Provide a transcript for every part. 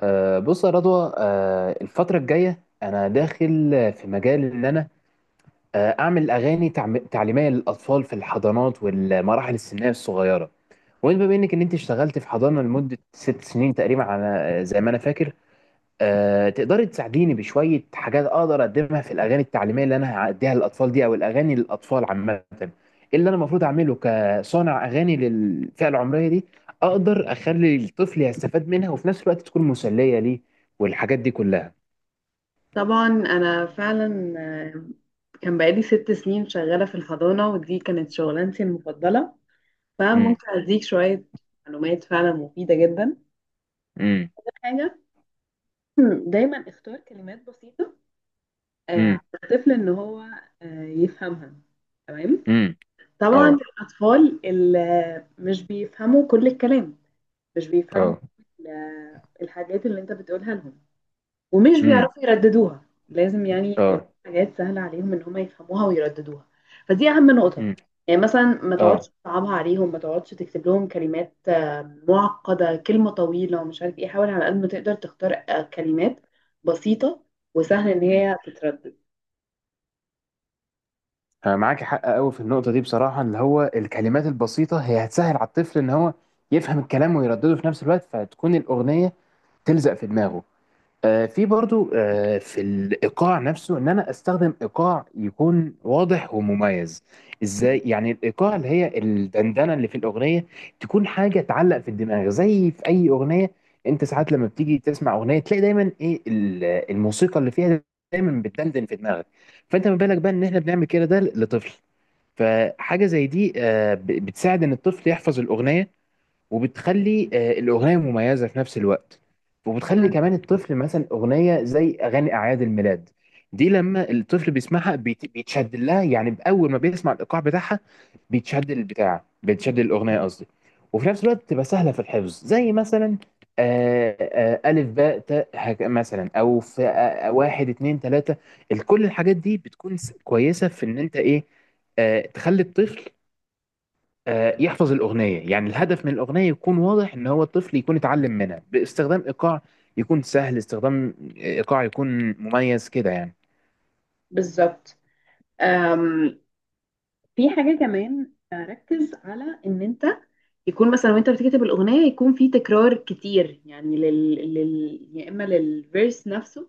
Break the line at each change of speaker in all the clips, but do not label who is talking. بص يا رضوى، الفترة الجاية أنا داخل في مجال إن أنا أعمل أغاني تعليمية للأطفال في الحضانات والمراحل السنية الصغيرة. وأنت بما إنك إن أنت اشتغلت في حضانة لمدة ست سنين تقريبا، على آه، زي ما أنا فاكر، تقدري تساعديني بشوية حاجات أقدر أقدمها في الأغاني التعليمية اللي أنا هأديها للأطفال دي، أو الأغاني للأطفال عامة؟ إيه اللي أنا المفروض أعمله كصانع أغاني للفئة العمرية دي، أقدر أخلي الطفل يستفاد منها وفي نفس الوقت تكون مسلية ليه، والحاجات دي كلها.
طبعا انا فعلا كان بقالي ست سنين شغاله في الحضانه ودي كانت شغلانتي المفضله،
امم.
فممكن اديك شويه معلومات فعلا مفيده جدا.
امم.
حاجه دايما اختار كلمات بسيطه على
امم.
الطفل ان هو يفهمها، تمام.
امم.
طبعا
اه.
الاطفال اللي مش بيفهموا كل الكلام، مش بيفهموا
اه.
كل الحاجات اللي انت بتقولها لهم ومش
امم.
بيعرفوا يرددوها، لازم يعني يبقى لهم
اه.
حاجات سهلة عليهم ان هم يفهموها ويرددوها. فدي اهم نقطة.
امم.
يعني مثلا ما تقعدش
اه.
تصعبها عليهم، ما تقعدش تكتب لهم كلمات معقدة، كلمة طويلة ومش عارف ايه. حاول على قد ما تقدر تختار كلمات بسيطة وسهل ان
مم.
هي تتردد.
أنا معاك حق قوي في النقطة دي، بصراحة، اللي هو الكلمات البسيطة هي هتسهل على الطفل إن هو يفهم الكلام ويردده في نفس الوقت، فتكون الأغنية تلزق في دماغه. في برضو في الايقاع نفسه ان انا استخدم ايقاع يكون واضح ومميز. ازاي يعني؟ الايقاع اللي هي الدندنه اللي في الاغنيه تكون حاجه تعلق في الدماغ زي في اي اغنيه. انت ساعات لما بتيجي تسمع اغنيه تلاقي دايما ايه الموسيقى اللي فيها دايما بتدندن في دماغك. فانت ما بالك بقى ان احنا بنعمل كده، ده لطفل. فحاجه زي دي بتساعد ان الطفل يحفظ الاغنيه، وبتخلي الاغنيه مميزه في نفس الوقت. وبتخلي
مم.
كمان الطفل، مثلا اغنيه زي اغاني اعياد الميلاد دي لما الطفل بيسمعها بيتشد لها، يعني باول ما بيسمع الايقاع بتاعها بيتشد البتاع، بيتشد الاغنيه قصدي. وفي نفس الوقت بتبقى سهله في الحفظ، زي مثلا الف باء تاء، مثلا، او في واحد اتنين تلاته. كل الحاجات دي بتكون كويسه في ان انت ايه، تخلي الطفل، يحفظ الأغنية، يعني الهدف من الأغنية يكون واضح إن هو الطفل يكون اتعلم منها باستخدام إيقاع يكون سهل، استخدام إيقاع يكون مميز كده يعني.
بالظبط. أم، في حاجة كمان، ركز على ان انت يكون مثلا وانت بتكتب الاغنية يكون في تكرار كتير، يعني يا اما للفيرس نفسه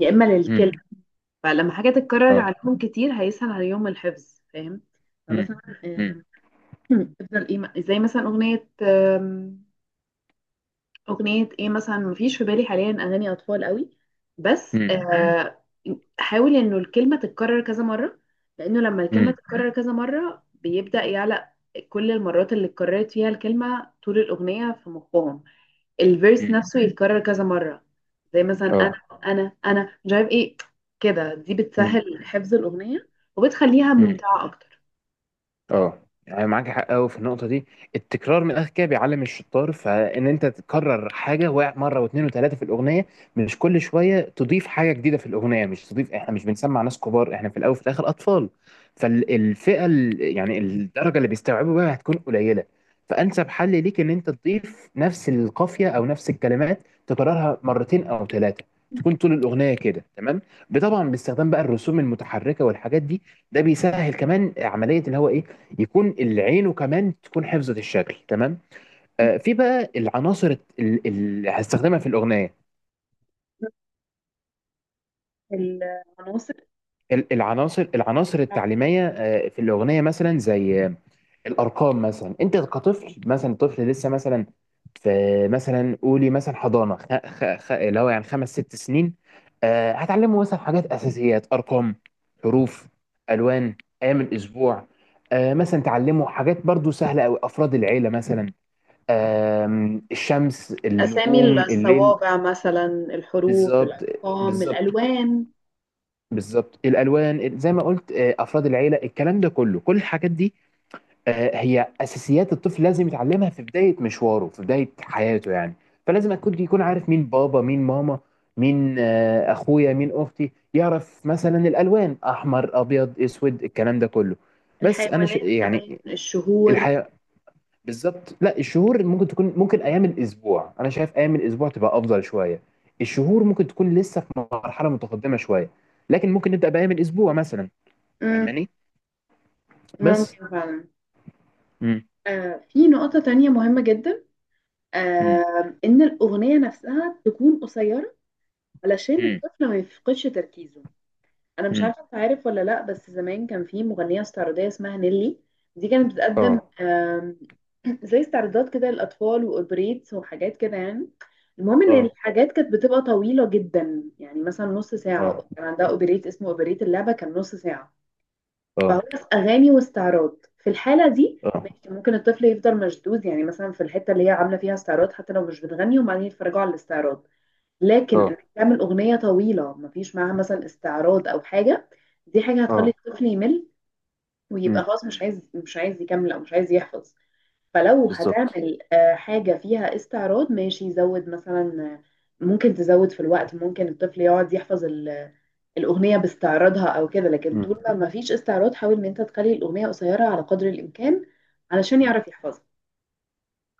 يا اما
امم.
للكلمة. فلما حاجة تتكرر
اه.
عليهم كتير هيسهل عليهم الحفظ، فاهم؟
امم.
فمثلا
امم.
آم، افضل ايه زي مثلا أغنية إيه مثلا. مفيش في بالي حاليا أغاني أطفال قوي، بس آه، حاول إنه الكلمة تتكرر كذا مرة، لأنه لما الكلمة
امم.
تتكرر كذا مرة بيبدأ يعلق. كل المرات اللي اتكررت فيها الكلمة طول الأغنية في مخهم، الفيرس
امم.
نفسه يتكرر كذا مرة. زي مثلا أنا
اه.
أنا أنا مش عارف إيه. كده دي
امم.
بتسهل حفظ الأغنية وبتخليها ممتعة أكتر.
اه. يعني معاك حق قوي في النقطه دي. التكرار من الاخر كده بيعلم الشطار، فان انت تكرر حاجه واحد مره واثنين وثلاثه في الاغنيه، مش كل شويه تضيف حاجه جديده في الاغنيه، مش تضيف. احنا مش بنسمع ناس كبار، احنا في الاول وفي الاخر اطفال. فالفئه يعني الدرجه اللي بيستوعبوا بيها هتكون قليله. فانسب حل ليك ان انت تضيف نفس القافيه او نفس الكلمات، تكررها مرتين او ثلاثه، تكون طول الاغنيه كده، تمام. طبعا باستخدام بقى الرسوم المتحركه والحاجات دي، ده بيسهل كمان عمليه اللي هو ايه، يكون العين وكمان تكون حفظت الشكل، تمام. في بقى العناصر اللي هستخدمها في الاغنيه،
العناصر،
العناصر التعليميه في الاغنيه، مثلا زي الارقام. مثلا انت كطفل، مثلا طفل لسه، مثلا في مثلا قولي مثلا حضانه، اللي هو يعني خمس ست سنين. هتعلمه مثلا حاجات اساسيات: ارقام، حروف، الوان، ايام الاسبوع. مثلا تعلمه حاجات برضو سهله قوي، افراد العيله مثلا، الشمس، النجوم،
أسامي
الليل.
الصوابع مثلا، الحروف،
بالظبط.
الأرقام،
بالظبط.
الألوان،
بالظبط. الالوان زي ما قلت، افراد العيله، الكلام ده كله، كل الحاجات دي هي اساسيات الطفل لازم يتعلمها في بدايه مشواره، في بدايه حياته يعني. فلازم يكون عارف مين بابا، مين ماما، مين اخويا، مين اختي، يعرف مثلا الالوان احمر ابيض اسود الكلام ده كله. بس انا
الحيوانات كمان،
يعني
الشهور.
الحياه. بالظبط. لا الشهور ممكن تكون، ممكن ايام الاسبوع، انا شايف ايام الاسبوع تبقى افضل شويه، الشهور ممكن تكون لسه في مرحله متقدمه شويه، لكن ممكن نبدا بايام الاسبوع مثلا.
مم.
فاهماني؟ بس.
ممكن فعلا.
امم.
آه، في نقطة تانية مهمة جدا،
امم.
آه، إن الأغنية نفسها تكون قصيرة علشان
امم.
الطفل ما يفقدش تركيزه. أنا مش
امم.
عارفة أنت عارف ولا لأ، بس زمان كان في مغنية استعراضية اسمها نيلي، دي كانت بتقدم
اه.
آه، زي استعراضات كده للأطفال وأوبريتس وحاجات كده يعني. المهم إن
اه.
الحاجات كانت بتبقى طويلة جدا، يعني مثلا نص ساعة.
اه.
كان عندها أوبريت اسمه أوبريت اللعبة، كان نص ساعة. فهو
اه.
في اغاني واستعراض، في الحاله دي
اه.
ماشي، ممكن الطفل يفضل مشدود، يعني مثلا في الحته اللي هي عامله فيها استعراض حتى لو مش بتغني، وبعدين يتفرجوا على الاستعراض. لكن انك
اه.
تعمل اغنيه طويله ما فيش معاها مثلا استعراض او حاجه، دي حاجه هتخلي
اه.
الطفل يمل ويبقى
امم.
خلاص مش عايز، مش عايز يكمل او مش عايز يحفظ. فلو
بالظبط.
هتعمل حاجه فيها استعراض ماشي، يزود مثلا، ممكن تزود في الوقت، ممكن الطفل يقعد يحفظ الأغنية باستعراضها أو كده. لكن
امم.
طول ما مفيش استعراض حاول إن أنت تخلي الأغنية قصيرة على قدر الإمكان علشان يعرف يحفظها.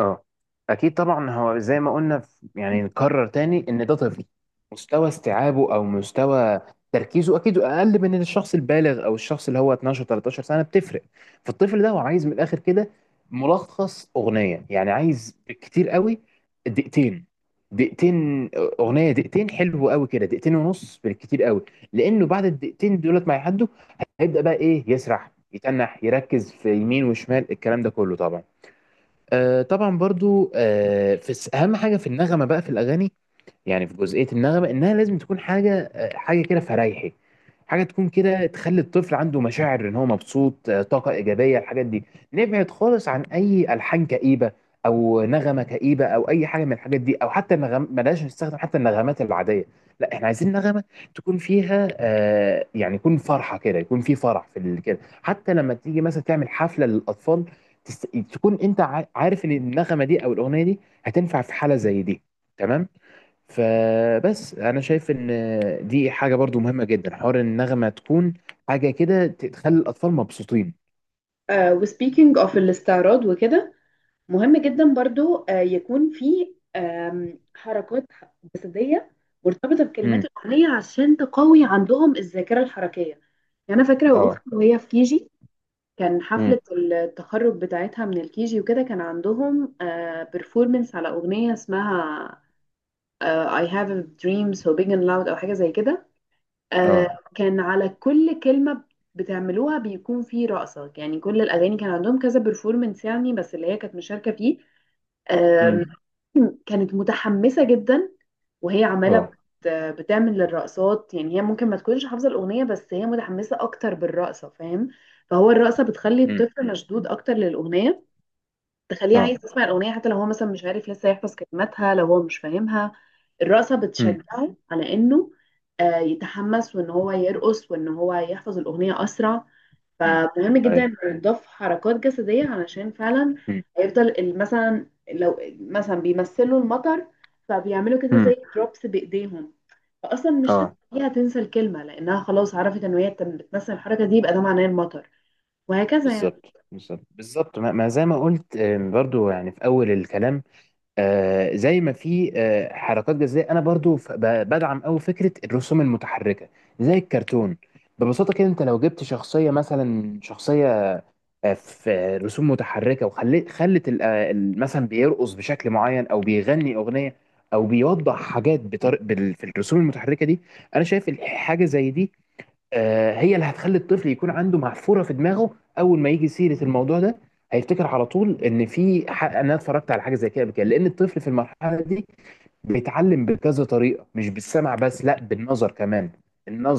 اه. اكيد طبعا. هو زي ما قلنا يعني نكرر تاني ان ده طفل مستوى استيعابه او مستوى تركيزه اكيد اقل من الشخص البالغ، او الشخص اللي هو 12 13 سنه بتفرق. فالطفل ده هو عايز من الاخر كده ملخص اغنيه، يعني عايز كتير قوي دقيقتين. دقيقتين. اغنيه دقيقتين حلو قوي كده، دقيقتين ونص بالكتير قوي. لانه بعد الدقيقتين دولت ما يعدوا، هيبدا بقى ايه، يسرح، يتنح، يركز في يمين وشمال، الكلام ده كله طبعا. طبعا برضو، في اهم حاجه في النغمه بقى في الاغاني، يعني في جزئية النغمة إنها لازم تكون حاجة حاجة كده فريحي، حاجة تكون كده تخلي الطفل عنده مشاعر إن هو مبسوط، طاقة إيجابية، الحاجات دي. نبعد خالص عن أي ألحان كئيبة، أو نغمة كئيبة، أو أي حاجة من الحاجات دي، أو حتى النغم بلاش نستخدم حتى النغمات العادية. لا، إحنا عايزين نغمة تكون فيها يعني يكون فرحة كده، يكون في فرح في كده، حتى لما تيجي مثلا تعمل حفلة للأطفال تست... تكون أنت عارف إن النغمة دي أو الأغنية دي هتنفع في حالة زي دي، تمام. فبس انا شايف ان دي حاجه برضو مهمه جدا، حوار النغمه تكون حاجه كده تخلي الاطفال مبسوطين.
آه، وسبيكينج اوف الاستعراض وكده، مهم جدا برضو آه يكون في حركات جسدية مرتبطة بكلمات
امم.
الأغنية عشان تقوي عندهم الذاكرة الحركية. يعني أنا فاكرة
اه.
أختي وهي في كيجي، كان
امم.
حفلة التخرج بتاعتها من الكيجي وكده، كان عندهم بيرفورمنس على أغنية اسمها I have a dream so big and loud، أو حاجة زي كده. آه،
اه.
كان على كل كلمة بتعملوها بيكون في رقصة، يعني كل الأغاني كان عندهم كذا performance يعني، بس اللي هي كانت مشاركة فيه
امم.
آم، كانت متحمسة جدا. وهي عمالة
اه.
بتعمل الرقصات، يعني هي ممكن ما تكونش حافظة الأغنية بس هي متحمسة أكتر بالرقصة، فاهم؟ فهو الرقصة بتخلي
امم.
الطفل مشدود أكتر للأغنية، تخليه عايز
اه.
يسمع الأغنية حتى لو هو مثلا مش عارف لسه يحفظ كلماتها، لو هو مش فاهمها الرقصة
امم.
بتشجعه على إنه يتحمس وإن هو يرقص وإن هو يحفظ الأغنية أسرع.
امم.
فمهم
اي.
جدا إنه يضاف حركات جسدية علشان فعلا
امم.
هيفضل مثلا لو مثلا بيمثلوا المطر فبيعملوا كده
امم.
زي دروبس بإيديهم، فأصلا مش
اه.
هتخليها تنسى الكلمة لأنها خلاص عرفت إن هي بتمثل الحركة دي يبقى ده معناه المطر، وهكذا يعني.
بالظبط. بالظبط. بالظبط. ما ما زي ما قلت، برضو يعني في اول الكلام زي ما في حركات جزائيه، انا برضو بدعم قوي فكره الرسوم المتحركه، زي الكرتون. ببساطه كده انت لو جبت شخصيه، مثلا شخصيه في رسوم متحركه، وخلت مثلا بيرقص بشكل معين، او بيغني اغنيه، او بيوضح حاجات في الرسوم المتحركه دي. انا شايف حاجه زي دي هي اللي هتخلي الطفل يكون عنده محفوره في دماغه. اول ما يجي سيره الموضوع ده هيفتكر على طول ان في إن انا اتفرجت على حاجه زي كده قبل كده، لان الطفل في المرحله دي بيتعلم بكذا طريقه، مش بالسمع بس، لا بالنظر كمان.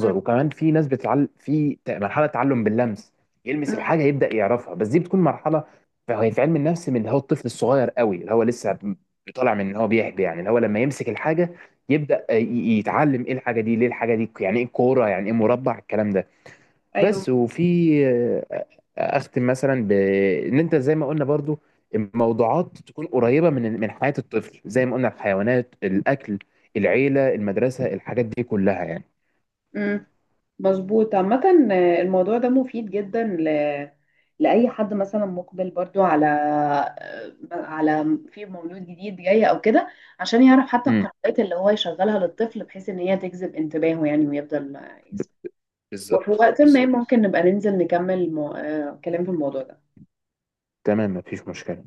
مم.
وكمان في ناس بتتعلم في مرحله تعلم باللمس، يلمس
مم.
الحاجه يبدا يعرفها، بس دي بتكون مرحله. فهي في علم النفس، من اللي هو الطفل الصغير قوي اللي هو لسه طالع من ان هو بيحبي يعني، اللي هو لما يمسك الحاجه يبدا يتعلم ايه الحاجه دي، ليه الحاجه دي، يعني ايه كوره، يعني ايه مربع، الكلام ده.
أيوة.
بس وفي آه، اختم مثلا بان انت زي ما قلنا برضو الموضوعات تكون قريبه من حياه الطفل، زي ما قلنا الحيوانات، الاكل، العيله، المدرسه، الحاجات دي كلها يعني.
امم، مظبوط عامة. الموضوع ده مفيد جدا لأي حد مثلا مقبل برضو على على في مولود جديد جاي أو كده، عشان يعرف حتى
امم.
القنوات اللي هو يشغلها للطفل بحيث إن هي تجذب انتباهه يعني، ويفضل
ب-
يسمع. وفي
بالظبط،
وقت ما
بالظبط.
ممكن نبقى ننزل نكمل كلام في الموضوع ده.
تمام، مفيش مشكله.